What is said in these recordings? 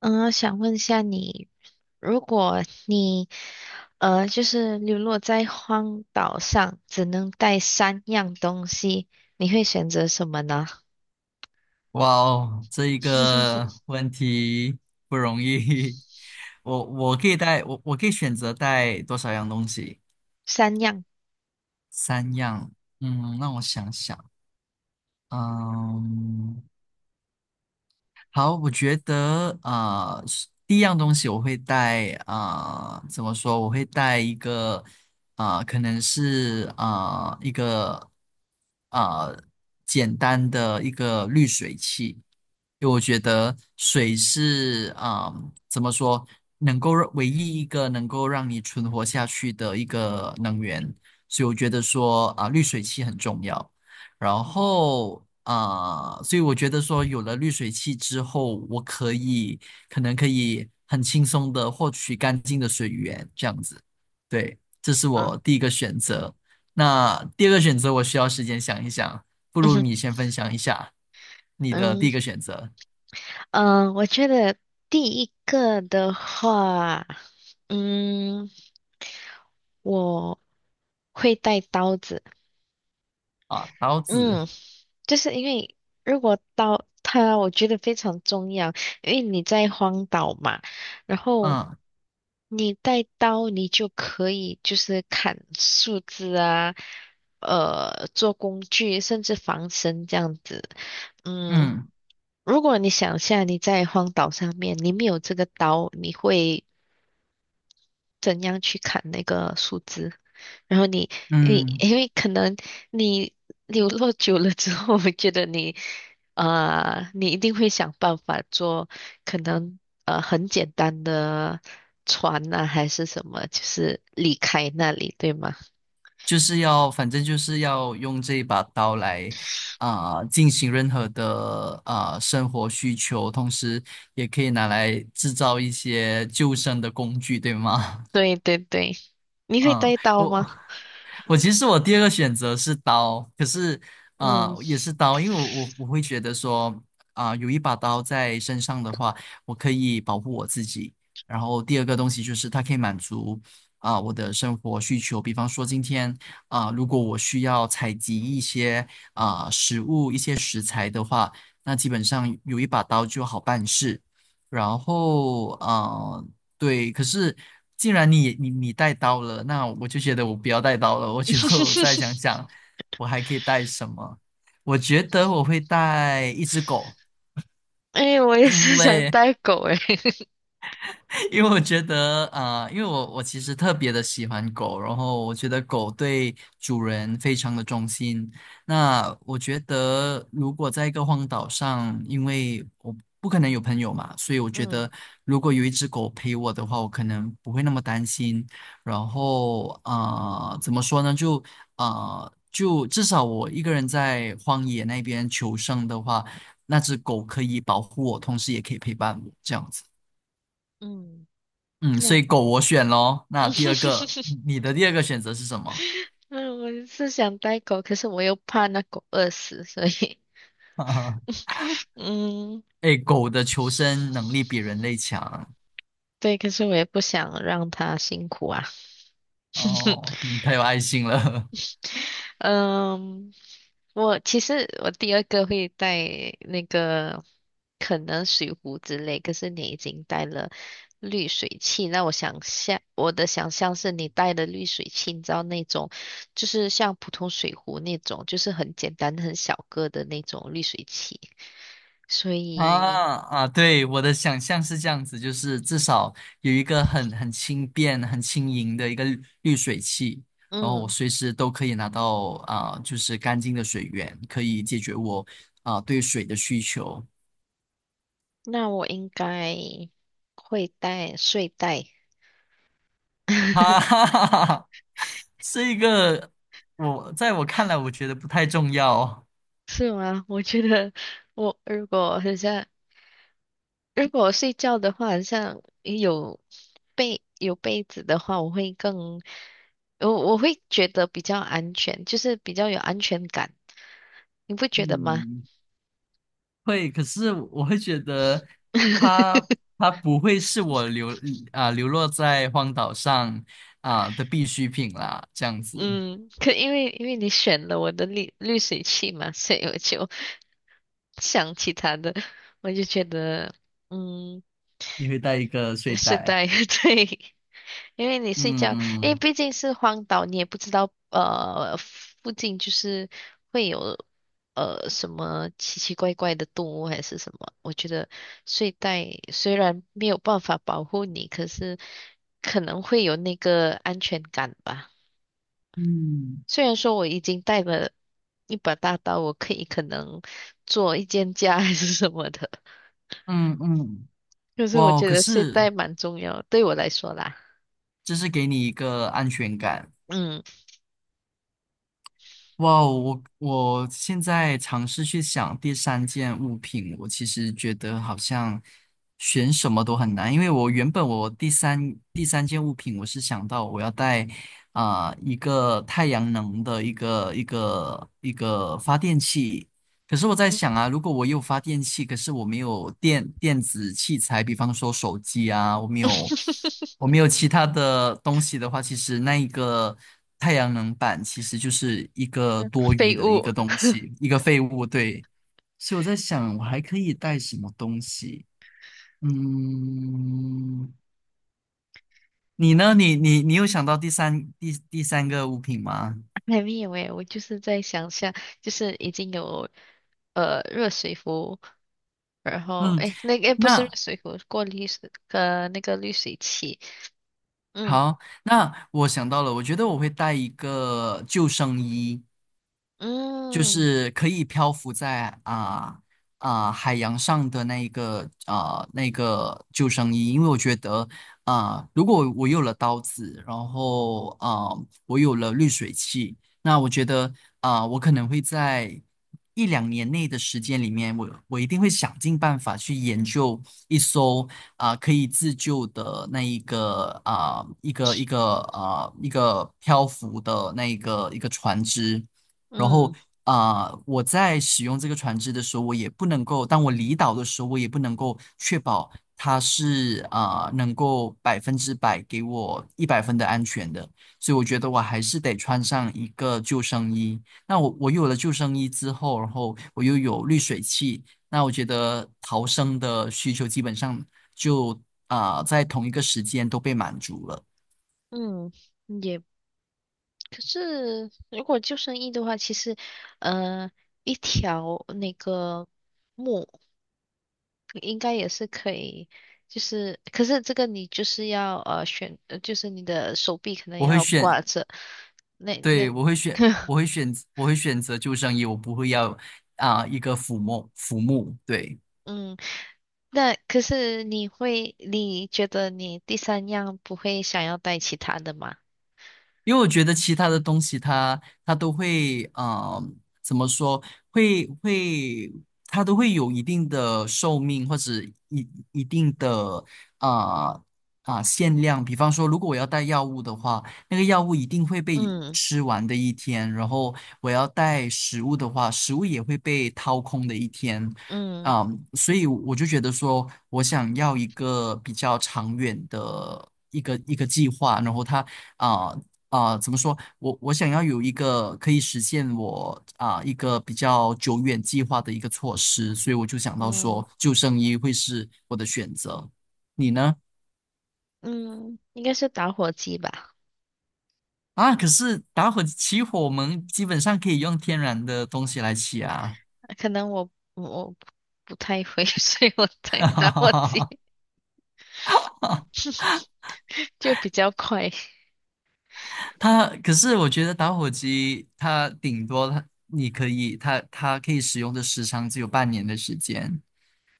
嗯，想问一下你，如果你就是流落在荒岛上，只能带三样东西，你会选择什么呢？哇哦，这一个 问题不容易。我可以带我可以选择带多少样东西？三样，三样。嗯，让我想想。嗯，好，我觉得第一样东西我会带，怎么说？我会带一个，可能是一个啊呃简单的一个滤水器，因为我觉得水是，怎么说，能够让唯一一个能够让你存活下去的一个能源，所以我觉得说滤水器很重要。然嗯。后，所以我觉得说，有了滤水器之后，我可以可能可以很轻松的获取干净的水源，这样子。对，这是我嗯。第一个选择。那第二个选择，我需要时间想一想，不嗯如哼。你先分享一下你的嗯，第一个选择。我觉得第一个的话，嗯，我会带刀子。啊，刀子。嗯，就是因为如果刀，它，我觉得非常重要，因为你在荒岛嘛，然后嗯你带刀，你就可以就是砍树枝啊，呃，做工具，甚至防身这样子。嗯，嗯如果你想一下你在荒岛上面，你没有这个刀，你会。怎样去砍那个树枝，然后你嗯，因为可能你流落久了之后，我觉得你你一定会想办法做，可能很简单的船呐、还是什么，就是离开那里，对吗？就是要，反正就是要用这一把刀来进行任何的生活需求，同时也可以拿来制造一些救生的工具，对吗？对对对，你会嗯，带刀吗？我我其实我第二个选择是刀，可是嗯，也是刀，因为我会觉得说有一把刀在身上的话，我可以保护我自己。然后第二个东西就是它可以满足我的生活需求，比方说今天如果我需要采集一些食物、一些食材的话，那基本上有一把刀就好办事。然后。对，可是既然你带刀了，那我就觉得我不要带刀了，我就 再想 想，我还可以带什么？我觉得我会带一只狗，哎，我也因是想为带狗哎，因为我觉得，因为我其实特别的喜欢狗，然后我觉得狗对主人非常的忠心。那我觉得，如果在一个荒岛上，因为我不可能有朋友嘛，所以我觉嗯。得如果有一只狗陪我的话，我可能不会那么担心。然后，怎么说呢？就至少我一个人在荒野那边求生的话，那只狗可以保护我，同时也可以陪伴我，这样子。嗯，嗯，所那 以狗我选咯。那第二个，你的第二个选择是什么？嗯，我是想带狗，可是我又怕那狗饿死，所以，嗯，哎，狗的求生能力比人类强。对，可是我也不想让它辛苦啊。哦，嗯，太有爱心了。 嗯，我其实我第二个会带那个可能水壶之类，可是你已经带了滤水器，那我想象我的想象是你带的滤水器，你知道那种就是像普通水壶那种，就是很简单很小个的那种滤水器，所 以。啊啊！对，我的想象是这样子，就是至少有一个很轻便、很轻盈的一个滤水器，然后我嗯。随时都可以拿到就是干净的水源，可以解决我对水的需求。那我应该会带睡袋，哈哈哈哈哈，这个，我在我看来，我觉得不太重要。是吗？我觉得我如果很像，如果我睡觉的话，很像有被有被子的话，我会更，我会觉得比较安全，就是比较有安全感，你不觉得吗？嗯，会，可是我会觉得它 它不会是我流落在荒岛上的必需品啦。这样子，嗯，可因为你选了我的滤滤水器嘛，所以我就想起他的，我就觉得嗯，你会带一个睡睡袋。袋 对。因为你睡觉，因为嗯毕竟是荒岛，你也不知道附近就是会有什么奇奇怪怪的动物还是什么。我觉得睡袋虽然没有办法保护你，可是可能会有那个安全感吧。嗯虽然说我已经带了一把大刀，我可以可能做一间家还是什么的，嗯嗯，可是我哇！觉可得睡是袋蛮重要，对我来说啦。这是给你一个安全感。嗯，哇哦，我现在尝试去想第三件物品，我其实觉得好像选什么都很难，因为我原本，我第三件物品，我是想到我要带一个太阳能的一个发电器，可是我在想啊，如果我有发电器，可是我没有电子器材，比方说手机啊，我没有其他的东西的话，其实那一个太阳能板其实就是一个 多余废的一物。个东西，一个废物。对，所以我在想，我还可以带什么东西？嗯，你呢？你有想到第三个物品吗？还没有诶，我就是在想象，就是已经有热水壶，然后嗯，诶，那个不是热那水壶，过滤水那个滤水器，嗯。好，那我想到了，我觉得我会带一个救生衣，就嗯。是可以漂浮在海洋上的那一个那个救生衣，因为我觉得如果我有了刀子，然后我有了滤水器，那我觉得我可能会在一两年内的时间里面，我一定会想尽办法去研究一艘可以自救的那一个一个一个漂浮的那一个船只。然后嗯。我在使用这个船只的时候，我也不能够，当我离岛的时候，我也不能够确保它是，能够100%给我100分的安全的，所以我觉得我还是得穿上一个救生衣。那我有了救生衣之后，然后我又有滤水器，那我觉得逃生的需求基本上就在同一个时间都被满足了。嗯，也可是如果救生衣的话，其实呃一条那个木应该也是可以，就是可是这个你就是要选，就是你的手臂可能我会要选，挂着，那那。对，我会选择救生衣，我不会要一个抚摸抚摸。对，嗯，那可是你会，你觉得你第三样不会想要带其他的吗？因为我觉得其他的东西它，都会，呃，怎么说，会会，它都会有一定的寿命或者一定的啊限量。比方说，如果我要带药物的话，那个药物一定会被嗯。吃完的一天；然后我要带食物的话，食物也会被掏空的一天。嗯。嗯，所以我就觉得说，我想要一个比较长远的一个计划，然后它啊、呃怎么说？我想要有一个可以实现我一个比较久远计划的一个措施，所以我就想到嗯。说救生衣会是我的选择。你呢？嗯，应该是打火机吧？啊，可是打火起火，我们基本上可以用天然的东西来起啊。可能我不太会，所以我带打火机 就比较快，它，可是我觉得打火机它顶多它可以使用的时长只有半年的时间。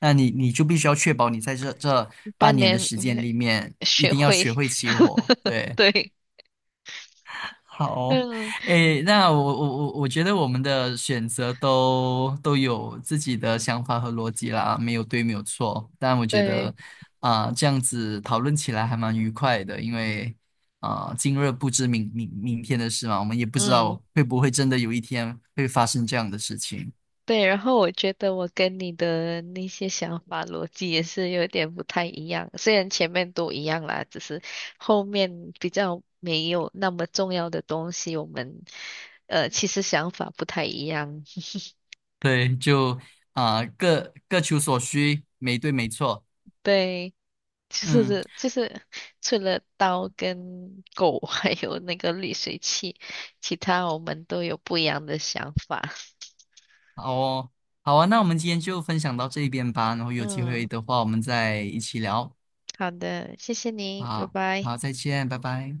那你就必须要确保你在这半半年的年。时间嗯，里面，一学定要会。学会起火。对，对，好，嗯，诶，那我觉得我们的选择都有自己的想法和逻辑啦，没有对，没有错。但我觉对，得这样子讨论起来还蛮愉快的，因为今日不知明天的事嘛，我们也不知嗯。道会不会真的有一天会发生这样的事情。对，然后我觉得我跟你的那些想法逻辑也是有点不太一样，虽然前面都一样啦，只是后面比较没有那么重要的东西，我们其实想法不太一样。对，就各求所需，没对没错。对，就嗯，是就是除了刀跟狗，还有那个滤水器，其他我们都有不一样的想法。好哦，好啊，那我们今天就分享到这边吧，然后有机会嗯，的话，我们再一起聊。好的，谢谢您，拜好，拜。好，再见，拜拜。